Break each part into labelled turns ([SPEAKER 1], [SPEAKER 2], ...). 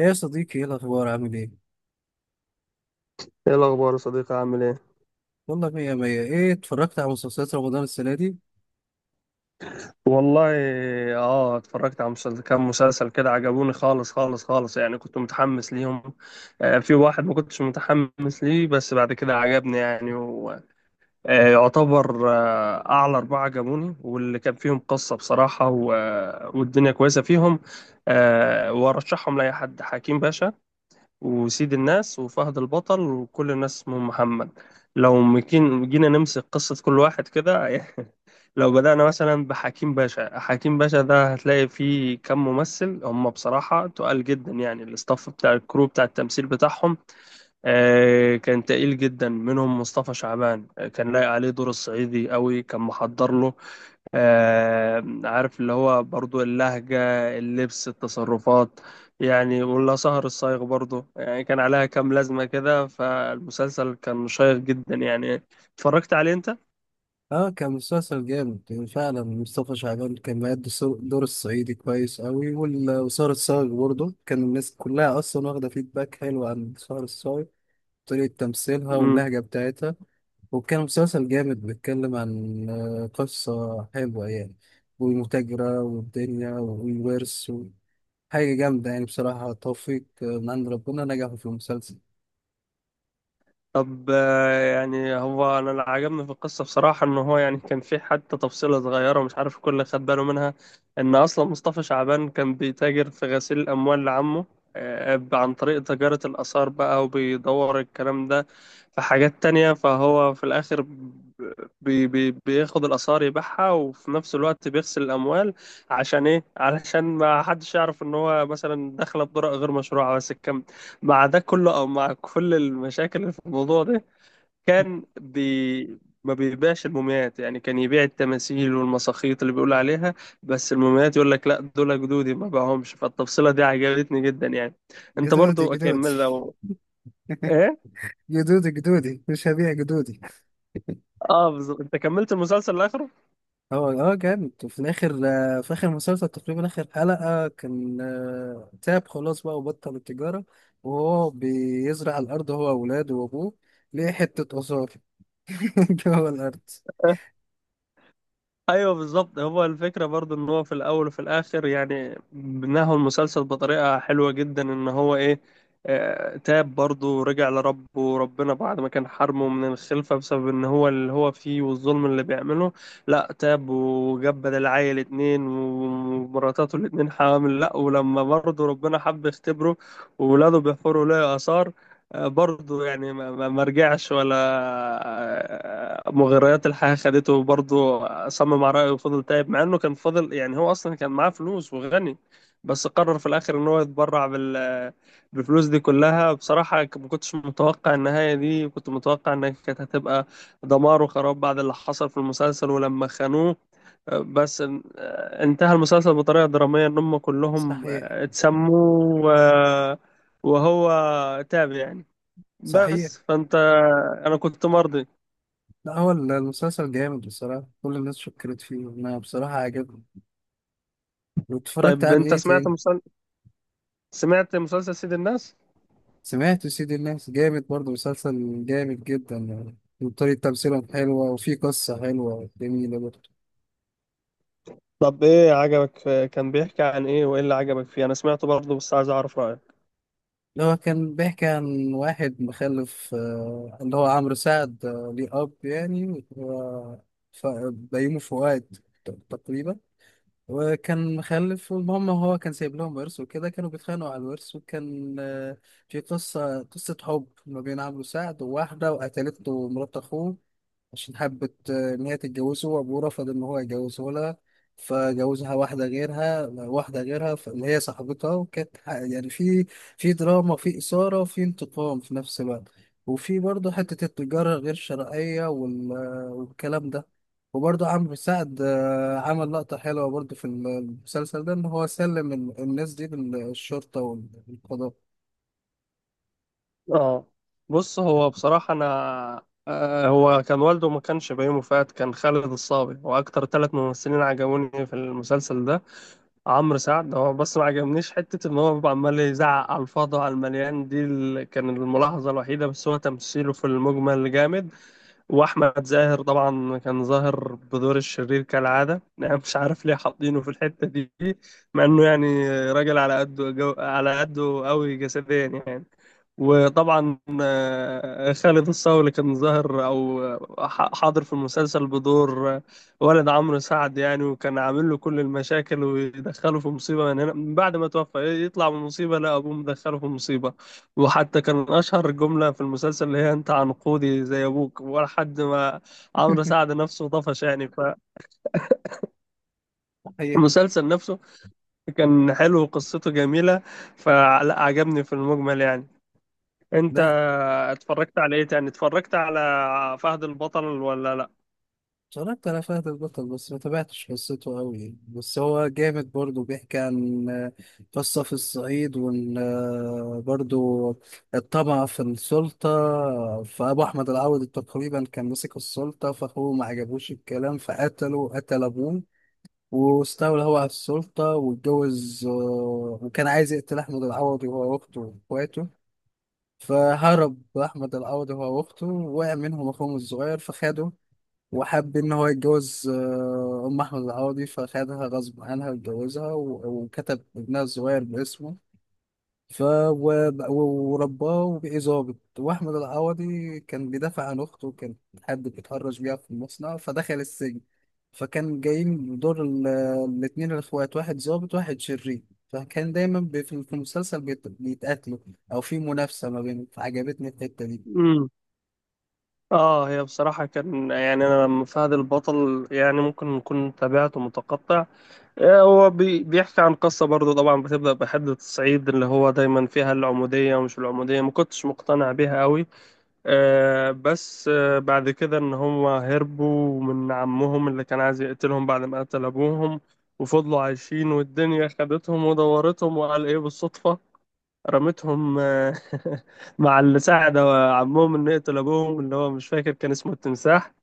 [SPEAKER 1] ايه يا صديقي، ايه الاخبار؟ عامل ايه؟
[SPEAKER 2] ايه الاخبار يا صديقي عامل ايه.
[SPEAKER 1] والله مية مية. ايه اتفرجت على مسلسلات رمضان السنه دي؟
[SPEAKER 2] والله اه اتفرجت على مسلسل. كام مسلسل كده عجبوني خالص خالص خالص، يعني كنت متحمس ليهم. آه، في واحد ما كنتش متحمس ليه، بس بعد كده عجبني، يعني ويعتبر يعتبر اعلى اربعة عجبوني، واللي كان فيهم قصة بصراحة والدنيا كويسة فيهم. آه، وارشحهم لاي حد: حكيم باشا وسيد الناس وفهد البطل وكل الناس اسمهم محمد. جينا نمسك قصة كل واحد كده لو بدأنا مثلا بحكيم باشا، حكيم باشا ده هتلاقي فيه كم ممثل هم بصراحة تقال جدا، يعني الاستاف بتاع الكرو بتاع التمثيل بتاعهم آه، كان تقيل جدا. منهم مصطفى شعبان آه، كان لايق عليه دور الصعيدي قوي، كان محضر له آه، عارف اللي هو برضو اللهجة، اللبس، التصرفات. يعني ولا سهر الصايغ برضو، يعني كان عليها كام لازمة كده. فالمسلسل كان شيق جدا يعني. اتفرجت عليه انت؟
[SPEAKER 1] اه، كان مسلسل جامد يعني فعلا. مصطفى شعبان كان مأدي دور الصعيدي كويس قوي، وسارة الصاغ برضه كان الناس كلها اصلا واخده فيدباك حلو عن سارة الصاغ، طريقه تمثيلها واللهجه بتاعتها. وكان مسلسل جامد بيتكلم عن قصة حلوة يعني، والمتاجرة والدنيا والورث حاجة جامدة يعني بصراحة. توفيق من عند ربنا، نجحوا في المسلسل.
[SPEAKER 2] طب آه، يعني هو انا اللي عجبني في القصه بصراحه ان هو يعني كان في حتى تفصيله صغيره ومش عارف الكل خد باله منها. ان اصلا مصطفى شعبان كان بيتاجر في غسيل الاموال لعمه آه، عن طريق تجاره الاثار بقى، وبيدور الكلام ده في حاجات تانية. فهو في الاخر بي بي بياخد الاثار يبيعها، وفي نفس الوقت بيغسل الاموال. عشان ايه؟ علشان ما حدش يعرف ان هو مثلا دخل بطرق غير مشروعه. بس مع ده كله، او مع كل المشاكل اللي في الموضوع ده، كان بي ما بيبيعش المومياوات. يعني كان يبيع التماثيل والمساخيط اللي بيقول عليها، بس المومياوات يقول لك لا دول جدودي ما باعهمش. فالتفصيلة دي عجبتني جدا يعني. انت
[SPEAKER 1] جدودي،
[SPEAKER 2] برضو
[SPEAKER 1] جدودي،
[SPEAKER 2] اكمل لو ايه.
[SPEAKER 1] جدودي، جدودي مش هبيع جدودي.
[SPEAKER 2] اه بالظبط، انت كملت المسلسل لاخره.
[SPEAKER 1] هو جامد، وفي الاخر في اخر مسلسل تقريبا، اخر حلقة، كان تعب خلاص بقى وبطل التجارة، وهو بيزرع الارض هو واولاده وابوه، ليه حتة آثار جوه الارض.
[SPEAKER 2] ايوه بالظبط. هو الفكره برضو ان هو في الاول وفي الاخر، يعني بناه المسلسل بطريقه حلوه جدا. ان هو ايه، آه، تاب برضو ورجع لربه، وربنا بعد ما كان حرمه من الخلفه بسبب ان هو اللي هو فيه والظلم اللي بيعمله، لا تاب وجاب بدل عيل اتنين ومراتاته الاتنين حامل. لا، ولما برضو ربنا حب يختبره وولاده بيحفروا له اثار، برضه يعني ما رجعش، ولا آه، مغريات الحياة خدته. برضه صمم على رأيه وفضل تايب، مع انه كان فضل، يعني هو اصلا كان معاه فلوس وغني. بس قرر في الاخر ان هو يتبرع بالفلوس دي كلها. بصراحة ما كنتش متوقع النهاية دي، كنت متوقع انها كانت هتبقى دمار وخراب بعد اللي حصل في المسلسل ولما خانوه. بس انتهى المسلسل بطريقة درامية ان هم كلهم
[SPEAKER 1] صحيح.
[SPEAKER 2] آه، اتسموا و- وهو تاب يعني.
[SPEAKER 1] صحيح.
[SPEAKER 2] بس فانت انا كنت مرضي.
[SPEAKER 1] لا، هو المسلسل جامد بصراحة، كل الناس شكرت فيه، انا بصراحة عجبني. واتفرجت
[SPEAKER 2] طيب
[SPEAKER 1] على
[SPEAKER 2] انت
[SPEAKER 1] ايه تاني؟
[SPEAKER 2] سمعت مسلسل سيد الناس؟
[SPEAKER 1] سمعت سيد الناس، جامد برضه، مسلسل جامد جدا يعني، وطريقة تمثيلهم حلوة، وفي قصة حلوة جميلة برضه.
[SPEAKER 2] طب ايه عجبك كان بيحكي عن ايه؟ وايه اللي عجبك فيه؟ انا سمعته برضه بس عايز اعرف رايك.
[SPEAKER 1] اللي هو كان بيحكي عن واحد مخلف، اللي هو عمرو سعد، ليه أب يعني ف- بيومي فؤاد تقريبا. وكان مخلف، والمهم هو كان سايب لهم ورث وكده، كانوا بيتخانقوا على الورث. وكان في قصة حب ما بين عمرو سعد وواحدة، وقتلته مرات أخوه، عشان حبت إن هي تتجوزه، وأبوه رفض إن هو يجوزه لها، فجوزها واحدة غيرها. اللي هي صاحبتها، وكانت يعني في دراما، في إثارة، في انتقام، في نفس الوقت. وفي برضه حتة التجارة غير الشرعية، والكلام ده. وبرضه عمرو سعد عمل لقطة حلوة برضه في المسلسل ده، إن هو سلم الناس دي للشرطة والقضاء.
[SPEAKER 2] اه بص، هو بصراحه انا آه هو كان والده ما كانش بيومي فؤاد، كان خالد الصاوي. واكتر ثلاث ممثلين عجبوني في المسلسل ده: عمرو سعد هو بس ما عجبنيش حته ان هو بيبقى عمال يزعق على الفاضي على المليان. دي كان الملاحظه الوحيده، بس هو تمثيله في المجمل جامد. واحمد زاهر طبعا كان ظاهر بدور الشرير كالعاده، انا مش عارف ليه حاطينه في الحته دي، مع انه يعني راجل على قده على قده قوي جسديا يعني. وطبعا آه، خالد الصاوي كان ظاهر، او حاضر في المسلسل بدور آه، ولد عمرو سعد يعني، وكان عامل له كل المشاكل ويدخله في مصيبه من هنا. من بعد ما توفى يطلع من مصيبه، لا ابوه مدخله في مصيبه. وحتى كان أشهر جملة في المسلسل اللي هي أنت عنقودي زي أبوك ولا حد ما. عمرو سعد نفسه طفش يعني.
[SPEAKER 1] حقيقي.
[SPEAKER 2] فالمسلسل نفسه كان حلو وقصته جميلة، فلا عجبني في المجمل يعني. أنت
[SPEAKER 1] ده
[SPEAKER 2] اتفرجت على إيه تاني؟ اتفرجت على فهد البطل ولا لأ؟
[SPEAKER 1] اتفرجت على فهد البطل بس ما تابعتش قصته قوي يعني. بس هو جامد برضه، بيحكي عن قصة في الصعيد، وان برضه الطمع في السلطة. فأبو أحمد العوضي تقريبا كان مسك السلطة، فأخوه ما عجبوش الكلام، فقتله، قتل أبوه، واستولى هو على السلطة واتجوز، وكان عايز يقتل أحمد العوضي وهو وأخته وإخواته. فهرب أحمد العوضي هو وأخته، وقع منهم أخوهم الصغير فخده، وحب إن هو يتجوز أم أحمد العوضي، فخدها غصب عنها واتجوزها، وكتب ابنها الصغير باسمه. ورباه وبقي ظابط. وأحمد العوضي كان بيدافع عن أخته، وكان حد بيتهرج بيها في المصنع، فدخل السجن، فكان جايين دور الاتنين الإخوات، واحد ظابط واحد شرير، فكان دايما في المسلسل بيتقاتلوا، أو في منافسة ما بينهم. فعجبتني الحتة دي.
[SPEAKER 2] امم، اه هي بصراحة كان يعني، أنا لما فهد البطل يعني ممكن نكون تابعته متقطع. آه، هو بيحكي عن قصة برضه، طبعا بتبدأ بحدة الصعيد اللي هو دايما فيها العمودية. ومش العمودية ما كنتش مقتنع بيها قوي. آه، بس آه، بعد كده إن هم هربوا من عمهم اللي كان عايز يقتلهم بعد ما قتل أبوهم، وفضلوا عايشين والدنيا خدتهم ودورتهم وقال إيه بالصدفة رمتهم آه، مع اللي ساعد عمهم إنه يقتل أبوهم، اللي هو مش فاكر كان اسمه التمساح.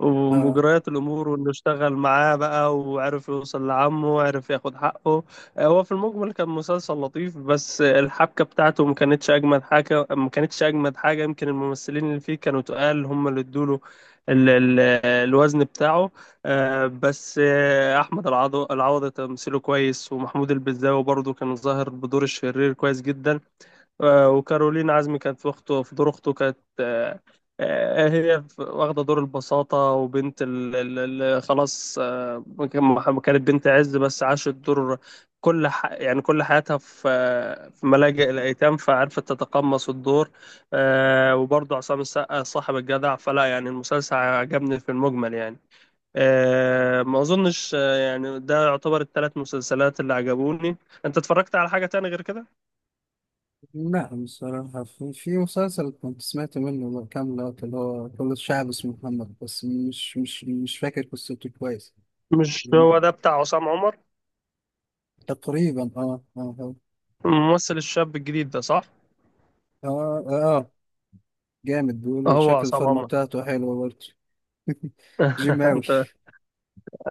[SPEAKER 2] ومجريات الامور وانه اشتغل معاه بقى وعرف يوصل لعمه وعرف ياخد حقه. هو في المجمل كان مسلسل لطيف، بس الحبكه بتاعته ما كانتش اجمد حاجه. يمكن الممثلين اللي فيه كانوا تقال، هم اللي ادوله ال- ال- الوزن بتاعه. آه، بس آه، العوضي تمثيله كويس، ومحمود البزاوي برضه كان ظاهر بدور الشرير كويس جدا. آه، وكارولين عزمي كانت في اخته، في دور اخته كانت هي واخده دور البساطه وبنت اللي خلاص آه، كانت بنت عز بس عاشت دور يعني كل حياتها في آه، في ملاجئ الايتام فعرفت تتقمص الدور. آه، وبرضه عصام السقا صاحب الجدع. فلا، يعني المسلسل عجبني في المجمل يعني. آه، ما اظنش آه، يعني ده يعتبر الثلاث مسلسلات اللي عجبوني. انت اتفرجت على حاجه تاني غير كده؟
[SPEAKER 1] لا بصراحة، في مسلسل كنت سمعت منه كام لقطة، اللي هو كل الشعب اسمه محمد، بس مش فاكر قصته كويس.
[SPEAKER 2] مش هو ده بتاع عصام عمر
[SPEAKER 1] تقريبا، اه، اه، اه.
[SPEAKER 2] الممثل الشاب الجديد ده، صح؟
[SPEAKER 1] اه، آه، آه، جامد، بيقولوا
[SPEAKER 2] هو
[SPEAKER 1] شكل
[SPEAKER 2] عصام
[SPEAKER 1] الفورمة
[SPEAKER 2] عمر.
[SPEAKER 1] بتاعته حلوة برضه. جيماوي.
[SPEAKER 2] انت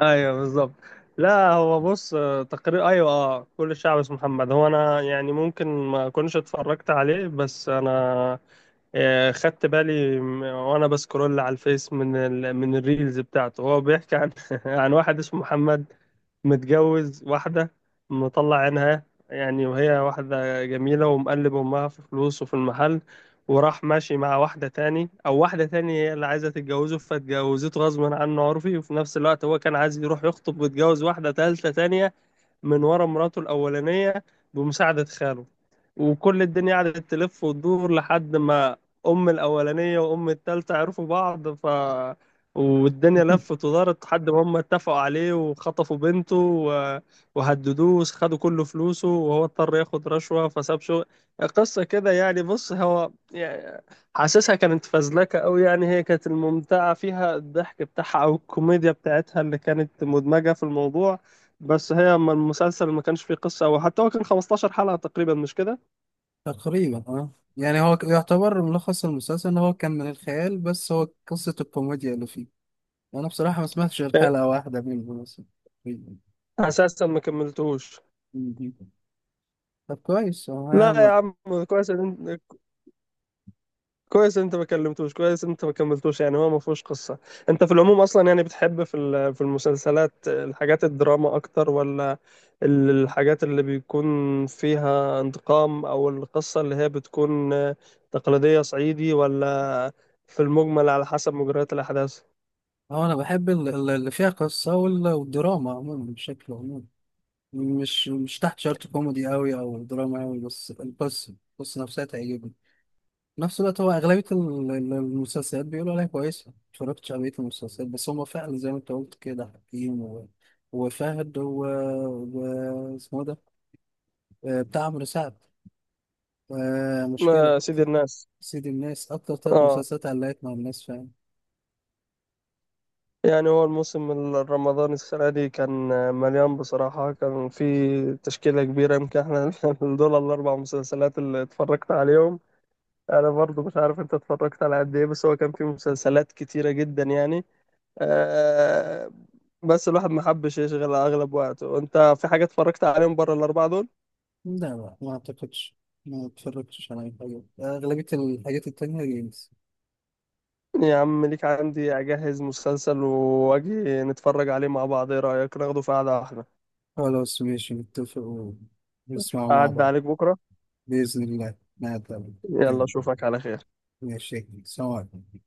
[SPEAKER 2] ايوه بالظبط. لا هو بص آه، تقرير ايوه اه كل الشعب اسمه محمد. هو انا يعني ممكن ما اكونش اتفرجت عليه، بس انا آه، خدت بالي وانا بسكرول على الفيس من من الريلز بتاعته، هو بيحكي عن عن واحد اسمه محمد متجوز واحدة مطلع عينها يعني، وهي واحدة جميلة ومقلب أمها في فلوس وفي المحل. وراح ماشي مع واحدة تاني هي اللي عايزة تتجوزه، فاتجوزته غصبا عنه عرفي. وفي نفس الوقت هو كان عايز يروح يخطب ويتجوز واحدة تالتة تانية من ورا مراته الأولانية، بمساعدة خاله. وكل الدنيا قعدت تلف وتدور لحد ما أم الأولانية وأم التالتة عرفوا بعض. والدنيا لفت ودارت لحد ما هم اتفقوا عليه وخطفوا بنته وهددوه، خدوا كل فلوسه، وهو اضطر ياخد رشوة فساب شغل. قصة كده يعني. بص، هو يعني حاسسها كانت فزلكة أوي. يعني هي كانت الممتعة فيها الضحك بتاعها أو الكوميديا بتاعتها اللي كانت مدمجة في الموضوع. بس هي المسلسل ما كانش فيه قصة. أو حتى هو كان 15 حلقة تقريبا، مش كده؟
[SPEAKER 1] تقريبا اه. يعني هو يعتبر ملخص المسلسل ان هو كان من الخيال، بس هو قصة الكوميديا اللي فيه. انا بصراحة ما سمعتش غير حلقة واحدة منه مثلا، تقريباً.
[SPEAKER 2] أساسا ما كملتوش.
[SPEAKER 1] مهم. طب كويس
[SPEAKER 2] لا يا
[SPEAKER 1] هو.
[SPEAKER 2] عم، كويس إن أنت كويس إن أنت ما كملتوش، يعني هو ما فيهوش قصة. أنت في العموم أصلا، يعني بتحب في في المسلسلات الحاجات الدراما أكتر، ولا الحاجات اللي بيكون فيها انتقام، أو القصة اللي هي بتكون تقليدية صعيدي، ولا في المجمل على حسب مجريات الأحداث؟
[SPEAKER 1] اه انا بحب اللي فيها قصة والدراما عموما بشكل عموم، مش تحت شرط كوميدي قوي او دراما قوي، بس القصة نفسها تعجبني. في نفس الوقت، هو اغلبية المسلسلات بيقولوا عليها كويسة، متفرجتش على بقية المسلسلات، بس هما فعلا زي ما انت قلت كده: حكيم، وفهد، اسمه ده، بتاع عمرو سعد، مشكلة،
[SPEAKER 2] ما سيد الناس.
[SPEAKER 1] سيد الناس. أكتر تلات
[SPEAKER 2] آه،
[SPEAKER 1] مسلسلات علقت مع الناس فعلا.
[SPEAKER 2] يعني هو الموسم الرمضاني السنة دي كان مليان بصراحة، كان في تشكيلة كبيرة. يمكن احنا دول الأربع مسلسلات اللي اتفرجت عليهم. أنا برضو مش عارف أنت اتفرجت على قد إيه، بس هو كان في مسلسلات كتيرة جدا يعني. أه، بس الواحد ما حبش يشغل أغلب وقته. وأنت، في حاجة اتفرجت عليهم بره الأربعة دول؟
[SPEAKER 1] لا، لا، ما أعتقدش. ما اتفرجتش على أي حاجة، أغلبية الحاجات التانية جيمز.
[SPEAKER 2] يا عم، ليك عندي، أجهز مسلسل وأجي نتفرج عليه مع بعض. إيه رأيك، ناخده في قعدة واحدة؟
[SPEAKER 1] خلاص ماشي، نتفق ونسمعوا مع
[SPEAKER 2] أعد
[SPEAKER 1] بعض.
[SPEAKER 2] عليك بكرة.
[SPEAKER 1] بإذن الله ما أتقابل.
[SPEAKER 2] يلا أشوفك على خير.
[SPEAKER 1] ماشي، سلام عليكم.